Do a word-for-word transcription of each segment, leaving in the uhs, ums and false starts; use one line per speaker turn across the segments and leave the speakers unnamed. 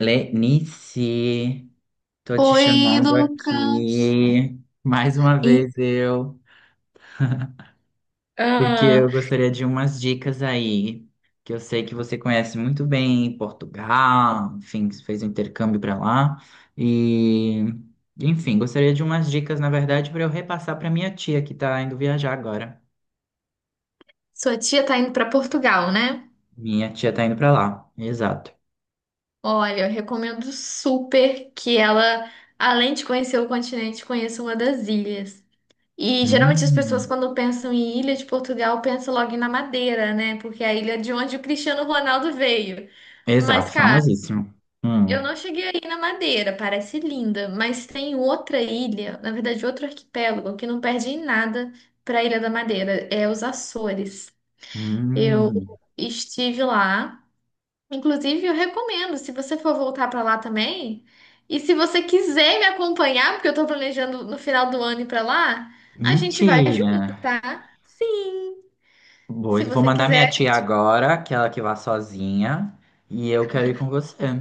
Lenice, tô te
Oi,
chamando
Lucas.
aqui mais uma
E,
vez eu, porque
ah,
eu gostaria de umas dicas aí, que eu sei que você conhece muito bem Portugal, enfim, fez um intercâmbio para lá e, enfim, gostaria de umas dicas, na verdade, para eu repassar para minha tia que tá indo viajar agora.
Sua tia tá indo para Portugal, né?
Minha tia tá indo para lá, exato.
Olha, eu recomendo super que ela, além de conhecer o continente, conheça uma das ilhas. E geralmente as pessoas,
Hum,
quando pensam em Ilha de Portugal, pensam logo na Madeira, né? Porque é a ilha de onde o Cristiano Ronaldo veio. Mas,
exato,
cara,
famosíssimo.
eu
Hum,
não cheguei aí na Madeira, parece linda, mas tem outra ilha, na verdade, outro arquipélago que não perde em nada para a Ilha da Madeira, é os Açores. Eu
hum,
estive lá. Inclusive, eu recomendo, se você for voltar para lá também, e se você quiser me acompanhar, porque eu tô planejando no final do ano ir para lá, a gente vai
mentira.
junto, tá? Sim,
Boa,
se
vou
você
mandar minha
quiser.
tia agora, que ela que vá sozinha, e eu quero ir com você.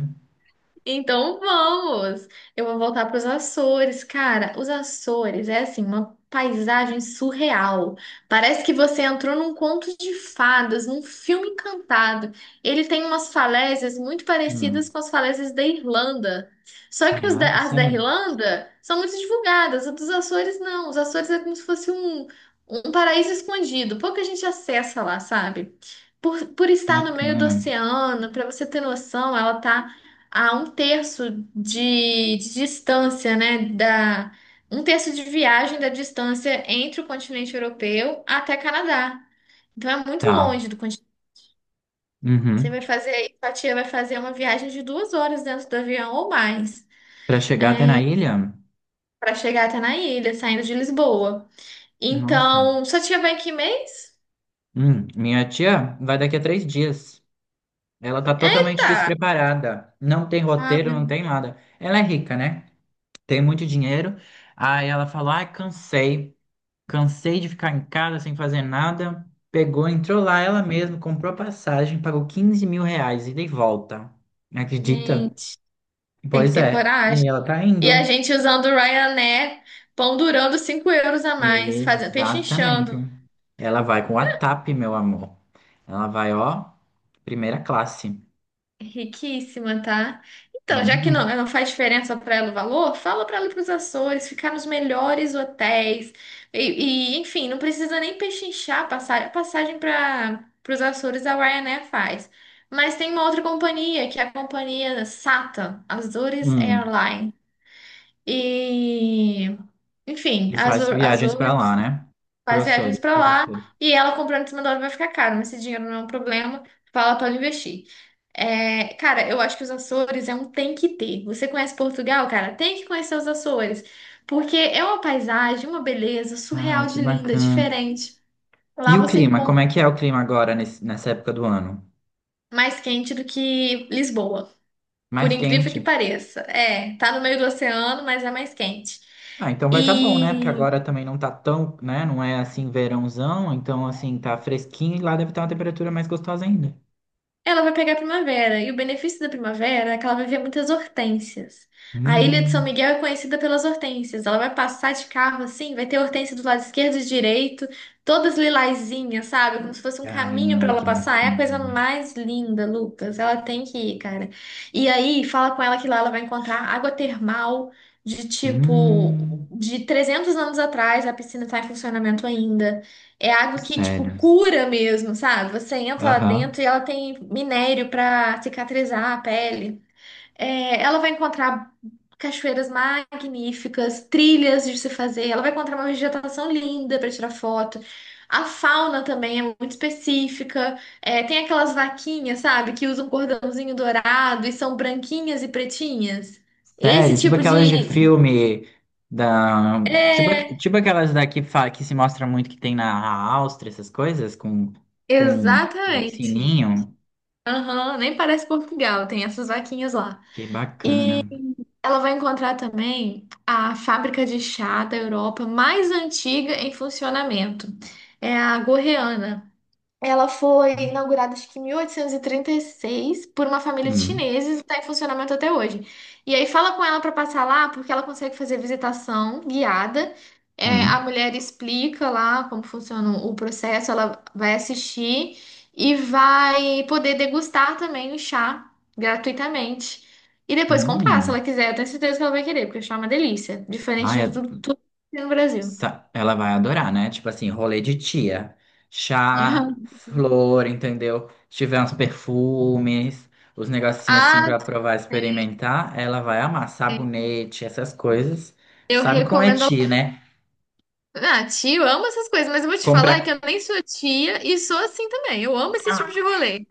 Então vamos! Eu vou voltar para os Açores. Cara, os Açores é assim, uma paisagem surreal. Parece que você entrou num conto de fadas, num filme encantado. Ele tem umas falésias muito parecidas
Hum.
com as falésias da Irlanda. Só que os
Caraca,
da- as da
sério?
Irlanda são muito divulgadas, as dos Açores não. Os Açores é como se fosse um, um paraíso escondido. Pouca gente acessa lá, sabe? Por, por estar no meio do
Bacana.
oceano, para você ter noção, ela tá a um terço de, de distância, né, da um terço de viagem da distância entre o continente europeu até Canadá. Então é muito
Tá.
longe do continente. Você
Uhum.
vai fazer aí, sua tia vai fazer uma viagem de duas horas dentro do avião ou mais
Pra chegar até na ilha?
para chegar até na ilha, saindo de Lisboa.
Nossa.
Então, sua tia vai em que mês?
Hum, Minha tia vai daqui a três dias. Ela tá
É,
totalmente despreparada. Não tem
ah,
roteiro, não
meu
tem nada. Ela é rica, né? Tem muito dinheiro. Aí ela falou: ai, cansei. Cansei de ficar em casa sem fazer nada. Pegou, entrou lá ela mesma, comprou a passagem, pagou quinze mil reais ida e volta. Acredita?
gente, tem que
Pois
ter
é. E
coragem.
ela tá
E a
indo.
gente usando o Ryanair, pão durando cinco euros a mais, fazendo,
Exatamente.
pechinchando.
Ela vai com a tap, meu amor. Ela vai, ó, primeira classe.
Riquíssima, tá? Então, já que não,
Uhum.
não faz diferença para ela o valor, fala para ela ir para os Açores, ficar nos melhores hotéis. E, e, enfim, não precisa nem pechinchar a passagem, a passagem para os Açores a Ryanair faz. Mas tem uma outra companhia, que é a companhia SATA, Azores
Hum.
Airline. E, enfim,
E faz
Azor,
viagens pra lá,
Azores
né?
faz viagens
Professores,
pra lá
professores.
e ela comprando em cima da hora vai ficar caro, mas esse dinheiro não é um problema, fala para investir. É, cara, eu acho que os Açores é um tem que ter. Você conhece Portugal, cara? Tem que conhecer os Açores, porque é uma paisagem, uma beleza
Ah,
surreal
que
de linda,
bacana.
diferente. Lá
E o
você
clima? Como
encontra
é que é o clima agora nesse- nessa época do ano?
mais quente do que Lisboa, por
Mais
incrível que
quente?
pareça. É, tá no meio do oceano, mas é mais quente.
Ah, então vai tá bom, né? Porque
E
agora também não tá tão, né? Não é assim verãozão, então assim, tá fresquinho e lá deve estar uma temperatura mais gostosa ainda.
ela vai pegar a primavera, e o benefício da primavera é que ela vai ver muitas hortênsias. A Ilha de São
Hum,
Miguel é conhecida pelas hortênsias. Ela vai passar de carro assim, vai ter hortênsia do lado esquerdo e direito, todas lilazinhas, sabe? Como se fosse um caminho para
Caramba,
ela
que
passar. É a coisa
bacana.
mais linda, Lucas. Ela tem que ir, cara. E aí, fala com ela que lá ela vai encontrar água termal de tipo
Hum,
de trezentos anos atrás, a piscina está em funcionamento ainda. É água que, tipo,
sério.
cura mesmo, sabe? Você entra lá
Aham.
dentro e ela tem minério pra cicatrizar a pele. É, ela vai encontrar cachoeiras magníficas, trilhas de se fazer. Ela vai encontrar uma vegetação linda para tirar foto. A fauna também é muito específica. É, tem aquelas vaquinhas, sabe? Que usam cordãozinho dourado e são branquinhas e pretinhas. Esse
Sério, tipo
tipo
aquelas de
de.
filme da. Tipo, aqu-
É,
tipo aquelas daqui que fa- que se mostra muito que tem na Áustria, essas coisas, com, com o
exatamente.
sininho.
Aham, nem parece Portugal, tem essas vaquinhas lá.
Que bacana.
Ela vai encontrar também a fábrica de chá da Europa mais antiga em funcionamento. É a Gorreana, ela foi inaugurada, acho que em mil oitocentos e trinta e seis, por uma família de
Hum,
chineses e está em funcionamento até hoje. E aí fala com ela para passar lá, porque ela consegue fazer visitação guiada. É,
hum,
a mulher explica lá como funciona o processo, ela vai assistir e vai poder degustar também o chá gratuitamente. E depois comprar, se
hum.
ela quiser. Eu tenho certeza que ela vai querer, porque o chá é uma delícia. Diferente
Ai,
de tudo, tudo que tem no Brasil.
Sa- ela vai adorar, né? Tipo assim, rolê de tia. Chá, flor, entendeu? Se tiver uns perfumes, os negocinhos assim
Ah,
pra provar, experimentar, ela vai amar. Sabonete, essas coisas.
eu
Sabe como é
recomendo.
tia, né?
Ah, tio, eu amo essas coisas, mas eu vou te falar que
Comprar.
eu nem sou tia e sou assim também. Eu amo esse tipo
Ah!
de rolê.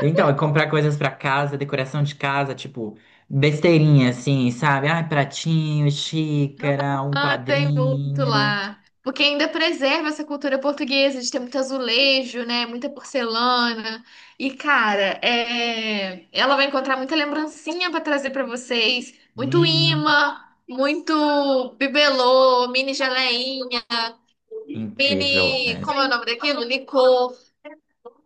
Então, é comprar coisas pra casa, decoração de casa, tipo, besteirinha assim, sabe? Ah, pratinho, xícara, um
Ah, tem muito
quadrinho.
lá. Porque ainda preserva essa cultura portuguesa de ter muito azulejo, né? Muita porcelana. E, cara, é... ela vai encontrar muita lembrancinha pra trazer pra vocês. Muito
Hum,
imã, muito bibelô, mini geleinha,
incrível.
mini. Como é o nome daquilo? Licor.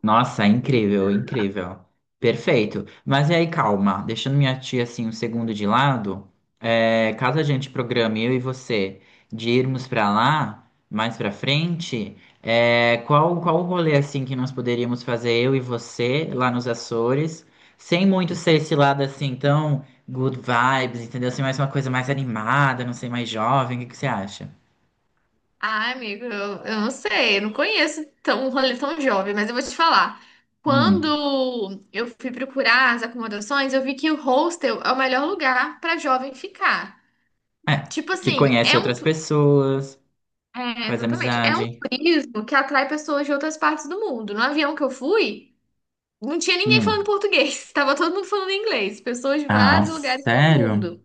Nossa, incrível, incrível. Perfeito. Mas e aí, calma, deixando minha tia assim um segundo de lado, é, caso a gente programe eu e você de irmos pra lá mais pra frente, é, qual qual o rolê assim que nós poderíamos fazer eu e você lá nos Açores, sem muito ser esse lado assim tão good vibes, entendeu? Assim, mais uma coisa mais animada, não sei, mais jovem, o que que você acha?
Ah, amigo, eu, eu não sei, eu não conheço tão, um rolê tão jovem, mas eu vou te falar.
Hum.
Quando eu fui procurar as acomodações, eu vi que o hostel é o melhor lugar para jovem ficar.
É,
Tipo
que
assim,
conhece
é um.
outras
tu-
pessoas,
É,
faz
exatamente. É um
amizade.
turismo que atrai pessoas de outras partes do mundo. No avião que eu fui, não tinha ninguém falando
Hum.
português, tava todo mundo falando inglês, pessoas de
Ah,
vários lugares do
sério?
mundo.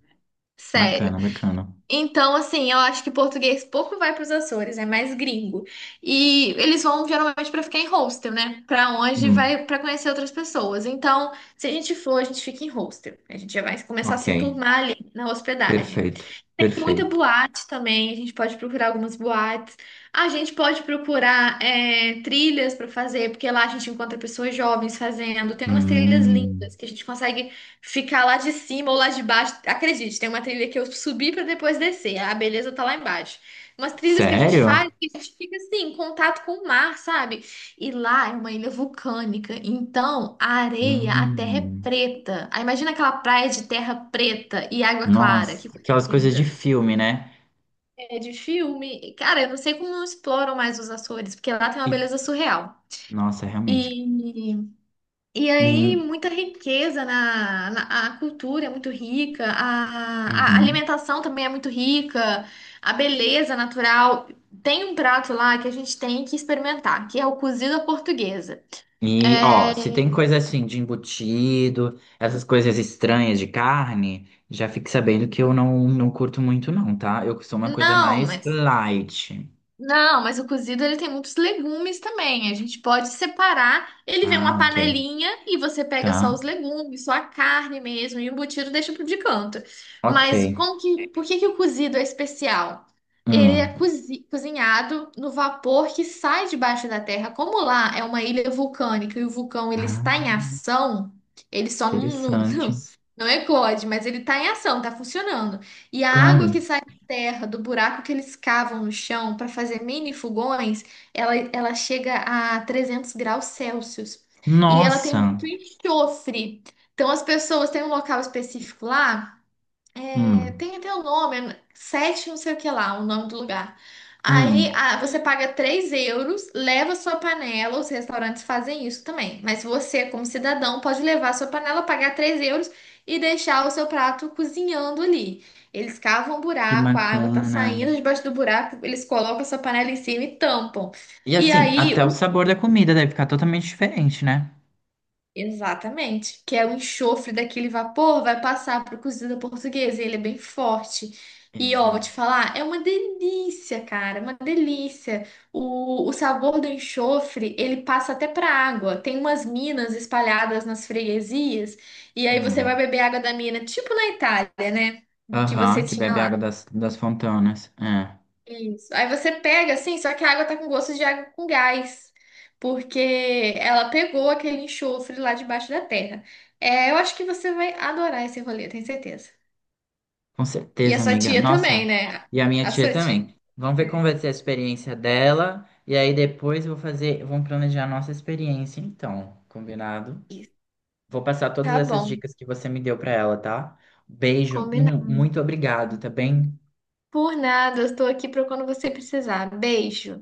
Sério.
Bacana, bacana.
Então, assim, eu acho que português pouco vai para os Açores, é mais gringo. E eles vão geralmente para ficar em hostel, né? Para onde
Hum,
vai para conhecer outras pessoas. Então, se a gente for, a gente fica em hostel. A gente já vai começar a
ok.
se enturmar ali na hospedagem.
Perfeito,
Tem muita
perfeito.
boate também, a gente pode procurar algumas boates. A gente pode procurar é, trilhas para fazer, porque lá a gente encontra pessoas jovens fazendo. Tem umas trilhas
Hum,
lindas que a gente consegue ficar lá de cima ou lá de baixo. Acredite, tem uma trilha que eu subi para depois descer. A beleza tá lá embaixo. Umas trilhas que a gente
sério?
faz que a gente fica assim, em contato com o mar, sabe? E lá é uma ilha vulcânica, então a areia, a terra é
Hum,
preta. Aí imagina aquela praia de terra preta e água clara,
Nossa,
que coisa
aquelas coisas de
linda.
filme, né?
É de filme. Cara, eu não sei como não exploram mais os Açores, porque lá tem uma
E,
beleza surreal.
nossa, realmente.
E, e aí,
Hum,
muita riqueza na, na- a cultura é muito rica, a, a
uhum.
alimentação também é muito rica, a beleza natural. Tem um prato lá que a gente tem que experimentar, que é o cozido à portuguesa.
E, ó,
É,
se tem coisa assim de embutido, essas coisas estranhas de carne, já fique sabendo que eu não, não curto muito, não, tá? Eu sou uma coisa
não,
mais
mas.
light.
Não, mas o cozido ele tem muitos legumes também. A gente pode separar. Ele vem uma
Ah, ok.
panelinha e você pega só os
Tá.
legumes, só a carne mesmo, e o embutido deixa pro de canto.
Ok.
Mas como que, por que que o cozido é especial? Ele é
Hum.
cozi- cozinhado no vapor que sai debaixo da terra. Como lá é uma ilha vulcânica e o vulcão ele
Ah.
está em ação, ele só não, não, não
Interessante.
não eclode, mas ele está em ação, está funcionando. E a água que
Claro.
sai terra, do buraco que eles cavam no chão para fazer mini fogões, ela, ela chega a trezentos graus Celsius. E ela tem
Nossa.
muito enxofre. Então, as pessoas têm um local específico lá, é,
Hum.
tem até o nome, é sete não sei o que lá, o nome do lugar. Aí
Hum.
ah, você paga três euros, leva sua panela, os restaurantes fazem isso também. Mas você, como cidadão, pode levar sua panela, pagar três euros e deixar o seu prato cozinhando ali. Eles cavam um
Que
buraco, a água tá
bacana.
saindo debaixo do buraco, eles colocam a sua panela em cima e tampam.
E
E
assim,
aí,
até o
o
sabor da comida deve ficar totalmente diferente, né?
Exatamente, que é o enxofre daquele vapor, vai passar para o cozido portuguesa, e ele é bem forte. E ó, vou te
Exato.
falar, é uma delícia, cara, é uma delícia. O, o sabor do enxofre, ele passa até para água. Tem umas minas espalhadas nas freguesias, e aí você vai
Hum.
beber água da mina, tipo na Itália, né? Que
Aham,
você
que
tinha
bebe
lá.
água das, das fontanas. É.
Isso. Aí você pega assim, só que a água tá com gosto de água com gás, porque ela pegou aquele enxofre lá debaixo da terra. É, eu acho que você vai adorar esse rolê, tenho certeza.
Com
E a
certeza,
sua
amiga.
tia também,
Nossa.
né?
E a minha
A
tia
sua tia.
também. Vamos ver como vai
É.
ser a experiência dela. E aí depois eu vou fazer, vamos planejar a nossa experiência, então. Combinado?
Isso.
Vou passar todas
Tá
essas
bom,
dicas que você me deu para ela, tá? Beijo, Hum,
combinado.
muito obrigado, tá bem?
Por nada, eu estou aqui para quando você precisar. Beijo.